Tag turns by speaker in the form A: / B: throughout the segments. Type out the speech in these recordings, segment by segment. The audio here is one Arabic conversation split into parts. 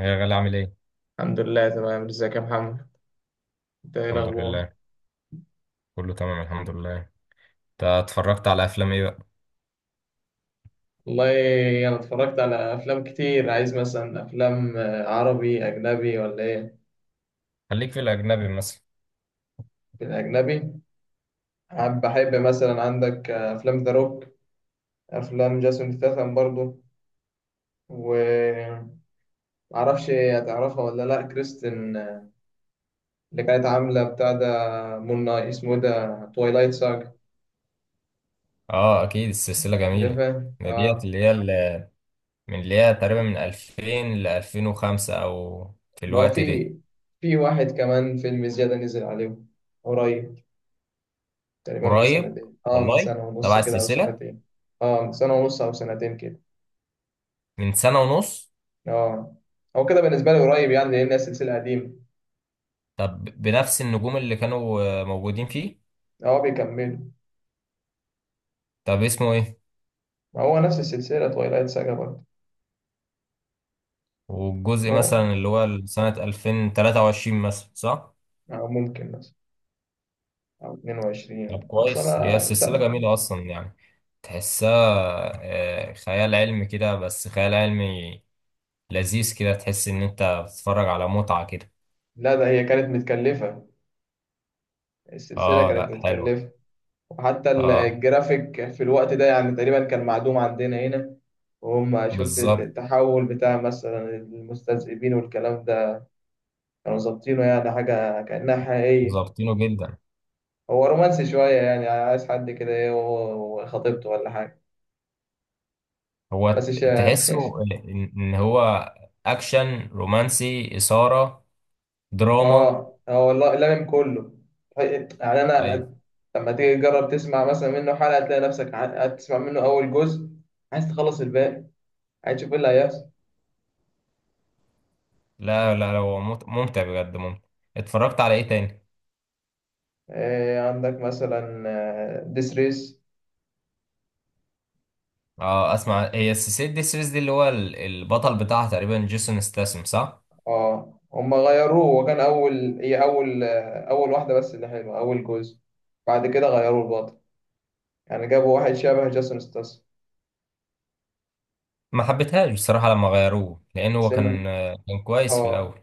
A: يا غالي عامل ايه؟
B: الحمد لله، تمام. ازيك يا محمد؟ انت ايه
A: الحمد
B: الاخبار؟
A: لله، كله تمام الحمد لله. انت اتفرجت على افلام ايه بقى؟
B: والله، انا اتفرجت على افلام كتير. عايز مثلا افلام عربي اجنبي ولا ايه؟
A: خليك في الاجنبي مثلا.
B: في الاجنبي. بحب مثلا عندك افلام ذا روك. افلام جاسون ستاثام برضو. ومعرفش هتعرفها ولا لا. كريستن، اللي كانت عامله بتاع ده، مون نايت، اسمه إيه ده، تويلايت ساج.
A: اه اكيد، السلسلة جميلة.
B: عارفها،
A: ده ديت
B: اه.
A: اللي هي اللي من اللي هي تقريبا من 2000 ل 2005 او في
B: ما هو
A: الوقت ده.
B: في واحد كمان فيلم زياده نزل عليه قريب، تقريبا من
A: قريب
B: سنتين، من
A: والله
B: سنة ونص
A: تبع
B: كده أو
A: السلسلة.
B: سنتين. اه، من سنة ونص أو سنتين كده.
A: من سنة ونص.
B: اه، هو كده بالنسبة لي قريب، يعني لأن هي سلسلة قديمة.
A: طب بنفس النجوم اللي كانوا موجودين فيه؟
B: اه، بيكملوا.
A: طب اسمه ايه؟
B: ما هو نفس السلسلة تويلايت ساجا برضه.
A: والجزء
B: مو،
A: مثلا اللي هو سنة 2023 مثلا صح؟
B: أو ممكن مثلا، أو
A: طب
B: 22، بس
A: كويس، هي
B: أنا
A: السلسلة
B: سامع.
A: جميلة أصلا يعني. تحسها خيال علمي كده، بس خيال علمي لذيذ كده. تحس إن أنت بتتفرج على متعة كده.
B: لا، ده هي كانت متكلفة. السلسلة
A: آه
B: كانت
A: لأ حلو.
B: متكلفة. وحتى
A: آه
B: الجرافيك في الوقت ده يعني تقريبا كان معدوم عندنا هنا. وهم شفت
A: بالظبط.
B: التحول بتاع مثلا المستذئبين والكلام ده، كانوا ظابطينه يعني حاجة كأنها حقيقية.
A: ظابطينه جدا.
B: هو رومانسي شوية، يعني عايز حد كده إيه وخطيبته ولا حاجة،
A: هو
B: بس مش
A: تحسه إن هو أكشن رومانسي إثارة دراما.
B: هو لامم كله يعني. أنا
A: أيوه.
B: لما تيجي تجرب تسمع مثلا منه حلقة، تلاقي نفسك تسمع منه أول جزء، عايز تخلص الباقي، عايز تشوف إيه اللي هيحصل.
A: لا لا لا، هو ممتع بجد، ممتع. اتفرجت على إيه تاني؟
B: إيه عندك مثلا ديس ريس.
A: آه أسمع، هي السلسلة دي السيريز دي البطل بتاعها تقريبا جيسون ستاثام صح؟
B: اه، هما غيروه. وكان أول، هي أول أول واحدة بس اللي حلوة، أول جزء. بعد كده غيروه البطل، يعني جابوا واحد شبه جاسون ستاس.
A: ما حبيتهاش بصراحة لما غيروه، لأن هو
B: سمع.
A: كان كان كويس في
B: اه،
A: الأول.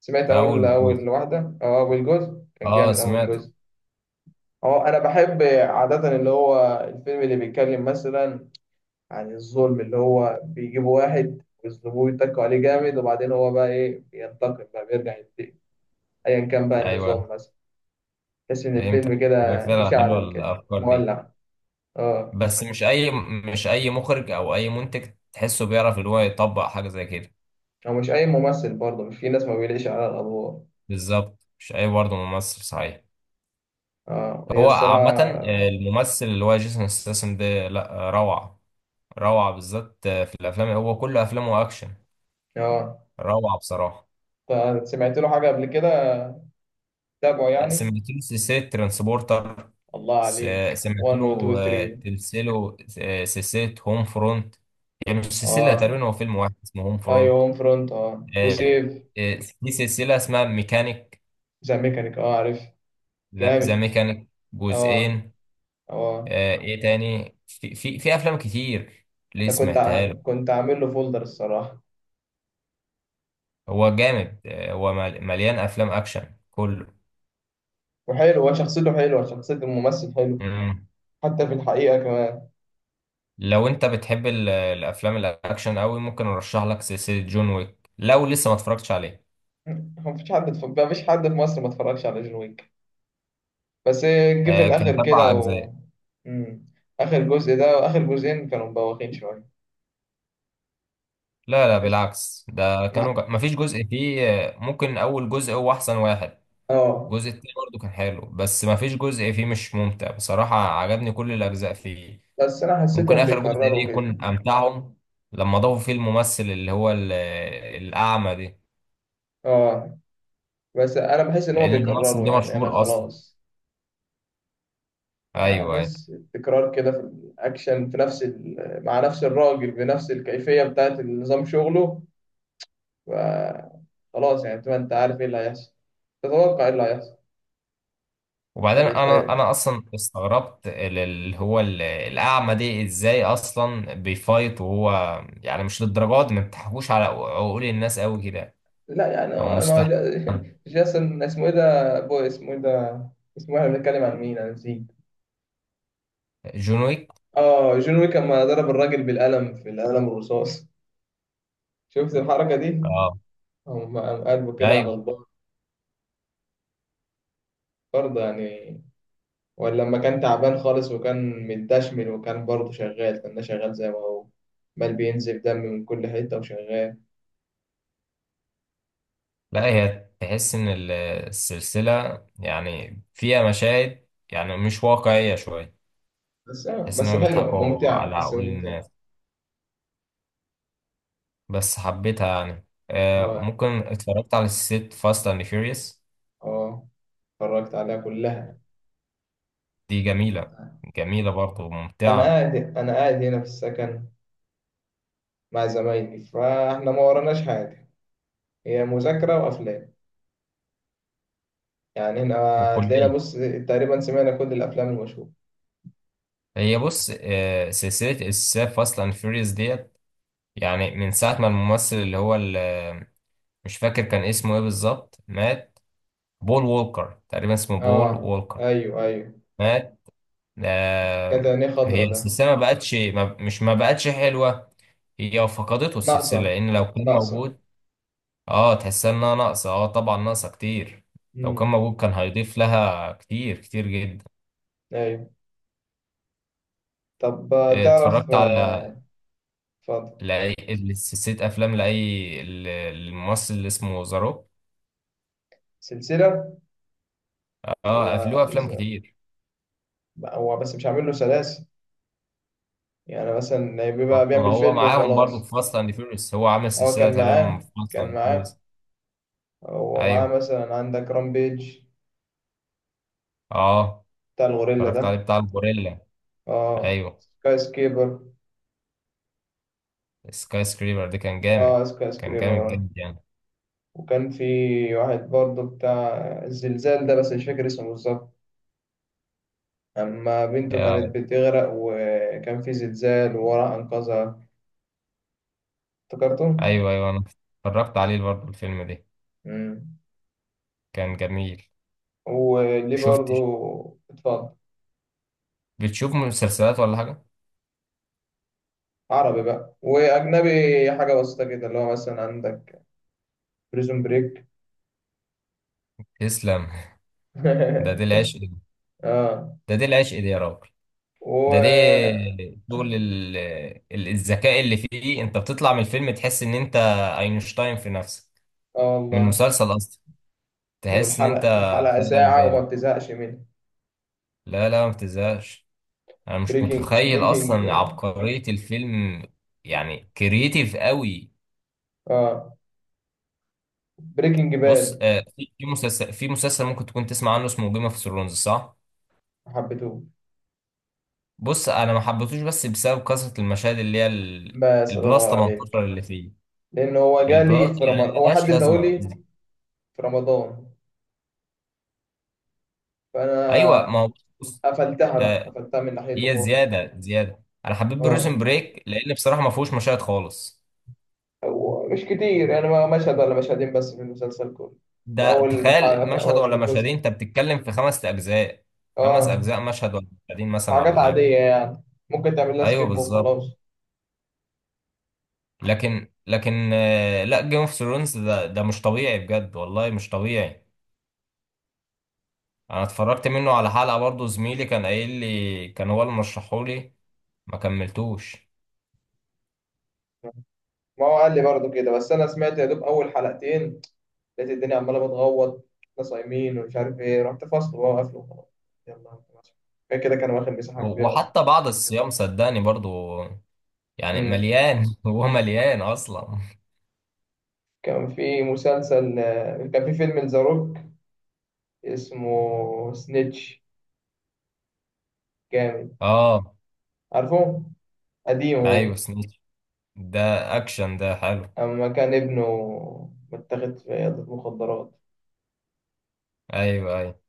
B: سمعت
A: في
B: اول
A: أول جزء.
B: اول واحده، اول جزء كان
A: أه
B: جامد، اول
A: سمعته.
B: جزء. اه، انا بحب عاده اللي هو الفيلم اللي بيتكلم مثلا عن الظلم، اللي هو بيجيبوا واحد ويظلموه ويتكوا عليه جامد، وبعدين هو بقى ايه، بينتقم بقى، بيرجع ينتقم ايا كان بقى
A: أيوه
B: النظام مثلا. تحس ان الفيلم
A: فهمتك، بيبقى
B: كده
A: فعلا حلوة
B: مشعل كده،
A: الأفكار دي.
B: مولع. اه،
A: بس مش أي، مش أي مخرج أو أي منتج تحسه بيعرف إن هو يطبق حاجة زي كده.
B: هو مش اي ممثل برضه، مش في ناس ما بيليقش على الادوار.
A: بالظبط، مش أي برضه ممثل صحيح.
B: اه، هي
A: هو عامة
B: الصراحه.
A: الممثل اللي هو جيسون ستاثام ده لأ، روعة. روعة بالذات في الأفلام، هو كل أفلامه أكشن.
B: اه،
A: روعة بصراحة.
B: سمعت له حاجه قبل كده، تابعه يعني.
A: سمعت له سلسلة ترانسبورتر.
B: الله
A: س-
B: عليك
A: سمعت
B: 1 و
A: له
B: 2 3.
A: تمثيله سلسلة هوم فرونت، يعني مش سلسلة،
B: اه،
A: تقريبا هو فيلم واحد اسمه هوم
B: ايوه
A: فرونت.
B: هوم فرونت،
A: آه،
B: وسيف.
A: آه، في سلسلة اسمها ميكانيك.
B: ذا ميكانيك، اه، عارف.
A: ذا
B: جامد.
A: ميكانيك
B: اه.
A: جزئين.
B: اه،
A: ايه تاني؟ في افلام كتير ليه
B: انا كنت
A: سمعتها له.
B: عامل كنت عامل له فولدر الصراحه.
A: هو جامد، هو مليان افلام اكشن كله.
B: وحلو، وشخصيته حلوه، شخصيه الممثل حلو،
A: مم.
B: حتى في الحقيقه كمان.
A: لو انت بتحب الافلام الاكشن قوي، ممكن ارشح لك سلسلة جون ويك لو لسه ما اتفرجتش عليه.
B: مفيش حد في مصر ما اتفرجش على جون ويك. بس جه في
A: كانت
B: الاخر
A: أربع
B: كده
A: أجزاء.
B: و. مم. اخر جزء ده واخر جزئين كانوا مبوخين شويه.
A: لا لا
B: بس-
A: بالعكس، ده كانوا مفيش جزء فيه، ممكن أول جزء هو أحسن واحد.
B: اه،
A: الجزء التاني برضه كان حلو، بس مفيش جزء فيه مش ممتع بصراحة، عجبني كل الأجزاء فيه.
B: بس انا
A: ممكن
B: حسيتهم
A: آخر جزء دي
B: بيكرروا كده.
A: يكون أمتعهم، لما ضافوا فيه الممثل اللي هو الأعمى دي.
B: اه، بس انا بحس ان هو
A: لأن الممثل
B: بيكرره،
A: ده
B: يعني انا
A: مشهور أصلا.
B: خلاص.
A: أيوه
B: يعني
A: أيوه.
B: بحس التكرار كده في الاكشن، مع نفس الراجل بنفس الكيفيه بتاعت نظام شغله. ف- خلاص، يعني تبقى انت عارف ايه اللي هيحصل، تتوقع ايه اللي هيحصل،
A: وبعدين انا
B: فبيتحرق.
A: انا اصلا استغربت الاعمى دي ازاي اصلا بيفايت وهو، يعني مش للدرجات دي، ما بتحكوش على عقول الناس قوي كده.
B: لا يعني.
A: او
B: ما هو
A: مستحيل.
B: جاسون، اسمه ايه ده، اسمه ايه ده، اسمه إيه؟ احنا بنتكلم عن مين، انا نسيت.
A: جون ويك.
B: اه، جون ويك لما ضرب الراجل بالقلم، في القلم الرصاص، شفت الحركه دي؟
A: اه
B: قام قلبه كده على
A: ايوه.
B: البار برضه يعني. ولا لما كان تعبان خالص وكان متدشمل وكان برضه شغال، كان ده شغال زي ما هو، بل بينزف دم من كل حتة وشغال.
A: لا هي تحس ان السلسله يعني فيها مشاهد يعني مش واقعيه شويه.
B: بس آه،
A: تحس ان
B: بس
A: هم
B: حلوة
A: بيضحكوا
B: ممتعة،
A: على
B: بس
A: عقول
B: ممتعة.
A: الناس، بس حبيتها يعني. آه
B: اه.
A: ممكن، اتفرجت على سلسله فاست اند فيوريوس.
B: اه، اتفرجت عليها كلها.
A: دي جميله، جميلة برضه
B: أنا
A: وممتعة.
B: قاعد أنا قاعد هنا في السكن مع زمايلي، فاحنا ما وراناش حاجة، هي مذاكرة وأفلام يعني. هنا هتلاقينا.
A: وكلية.
B: بص، تقريبا سمعنا كل الأفلام المشهورة.
A: هي بص سلسلة السلسلة فاست أند فيوريوس ديت، يعني من ساعة ما الممثل اللي هو مش فاكر كان اسمه ايه بالظبط، مات. بول وولكر، تقريبا اسمه بول
B: اه،
A: وولكر
B: أيوه أيوه.
A: مات. آه،
B: كانت عينيه
A: هي
B: خضرا ده.
A: السلسلة ما بقتش، ما مش ما بقتش حلوة. هي فقدته السلسلة،
B: ناقصة،
A: لأن لو كان
B: ناقصة.
A: موجود. اه تحسها إنها ناقصة، اه طبعا ناقصة كتير. لو كان
B: امم.
A: موجود كان هيضيف لها كتير، كتير جدا.
B: أيوه. طب، تعرف،
A: اتفرجت على
B: اتفضل.
A: لأي سلسلة أفلام لأي الممثل اللي اسمه ذا روك.
B: سلسلة. هو
A: اه له أفلام
B: ز-
A: كتير.
B: هو بس مش عامل له سلاسل، يعني مثلا بيبقى
A: ما
B: بيعمل
A: هو
B: فيلم
A: معاهم برضه في
B: وخلاص.
A: فاست أند فيوريوس، هو عامل
B: هو
A: سلسلة
B: كان
A: تقريبا في
B: معاه
A: فاست
B: كان
A: أند
B: معاه
A: فيوريوس.
B: هو معاه
A: أيوه.
B: مثلا عندك رامبيج،
A: اه
B: بتاع الغوريلا
A: اتفرجت عليه
B: ده.
A: بتاع الغوريلا.
B: اه،
A: أيوه،
B: سكاي سكيبر.
A: سكاي سكريبر ده كان جامد.
B: اه، سكاي
A: كان
B: سكريبر.
A: جامد
B: اه،
A: جامد يعني.
B: وكان في واحد برضه بتاع الزلزال ده، بس مش فاكر اسمه بالظبط. أما بنته
A: يا-
B: كانت بتغرق وكان في زلزال وراح أنقذها. افتكرته؟
A: أيوه أيوه، أنا اتفرجت عليه برضه الفيلم ده،
B: مم.
A: كان جميل.
B: وليه
A: شفت.
B: برضه. اتفضل.
A: بتشوف مسلسلات ولا حاجة؟
B: عربي بقى واجنبي، حاجه بسيطه كده اللي هو مثلا عندك بريزون بريك.
A: تسلم. ده دي العشق.
B: اه.
A: ده دي العشق دي يا راجل.
B: و.
A: ده ده شغل الذكاء اللي فيه، انت بتطلع من الفيلم تحس ان انت اينشتاين في نفسك.
B: اه،
A: من
B: والله.
A: المسلسل اصلا تحس ان انت.
B: والحلقه
A: فعلا
B: ساعه وما
A: جامد.
B: بتزهقش منها.
A: لا لا ما بتزهقش. انا مش
B: بريكنج
A: متخيل
B: بريكنج
A: اصلا عبقرية الفيلم، يعني كرييتيف قوي.
B: اه، بريكنج
A: بص
B: باد.
A: في مسلسل، في مسلسل ممكن تكون تسمع عنه، اسمه جيم اوف ثرونز صح.
B: حبيته.
A: بص انا ما حبيتهوش، بس بسبب كثرة المشاهد اللي هي
B: بس الله
A: البلاس
B: ينور
A: 18
B: عليك،
A: اللي فيه.
B: لان هو
A: البلاس
B: جالي في رمضان،
A: يعني
B: هو
A: ملهاش
B: حد
A: لازمة.
B: اداهولي في رمضان،
A: ايوه
B: فانا
A: ما هو بص.
B: قفلتها بقى
A: آه
B: قفلتها من ناحيته
A: هي
B: خالص.
A: زياده زياده، انا حبيت
B: اه.
A: بروسن بريك لان بصراحه ما فيهوش مشاهد خالص.
B: مش كتير يعني، مشهد ولا مشهدين بس في المسلسل كله، في
A: ده
B: أول حلقة
A: تخيل،
B: في
A: مشهد ولا
B: أول جزء.
A: مشهدين انت بتتكلم في خمس اجزاء. خمس
B: اه.
A: اجزاء مشهد ولا مشهدين مثلا
B: حاجات
A: ولا حاجه.
B: عادية يعني، ممكن تعمل لها
A: ايوه
B: سكيب
A: بالظبط.
B: وخلاص.
A: لكن آه لا، جيم اوف ثرونز ده ده مش طبيعي بجد، والله مش طبيعي. انا اتفرجت منه على حلقه برضه، زميلي كان قايل لي، كان هو اللي مرشحولي. ما كملتوش.
B: ما هو قال لي برضه كده، بس أنا سمعت يا دوب أول حلقتين، لقيت الدنيا عمالة بتغوط. احنا صايمين ومش عارف إيه، رحت فصل بقى وقفل وخلاص. يلا انت ماشي. كده كده كان واخد مساحة كبيرة أصلا.
A: وحتى بعد الصيام صدقني برضه يعني
B: مم.
A: مليان، هو مليان اصلا.
B: كان في فيلم لذا روك اسمه سنيتش، جامد.
A: اه
B: عارفه. قديم
A: ايوه
B: هو.
A: سنيتش ده. اكشن ده حلو.
B: أما كان ابنه متاخد في عيادة مخدرات،
A: ايوه ايوه.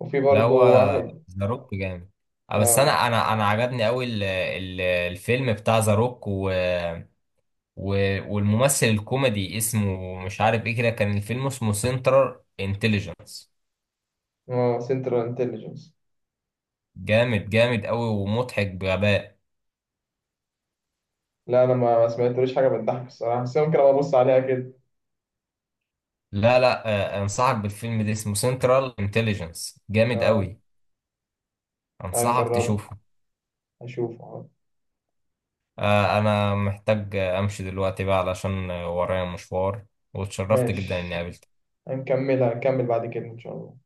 B: وفي
A: لا
B: برضه
A: هو
B: واحد.
A: ذا روك جامد. بس انا
B: آه،
A: انا انا عجبني قوي الفيلم بتاع ذا روك و... والممثل الكوميدي اسمه مش عارف ايه كده، كان الفيلم اسمه سنترال انتليجنس.
B: آه، سنترال انتليجنس.
A: جامد جامد قوي، ومضحك بغباء.
B: لا، أنا ما سمعتلوش حاجة بتضحك الصراحة، بس ممكن أبقى أبص عليها كده.
A: لا لا، انصحك بالفيلم ده اسمه سنترال انتليجنس، جامد
B: آه.
A: قوي. انصحك
B: هنجربه،
A: تشوفه.
B: هشوفه.
A: أنا محتاج أمشي دلوقتي بقى، علشان ورايا مشوار. واتشرفت جدا إني
B: ماشي.
A: قابلتك.
B: هنكمل بعد كده إن شاء الله.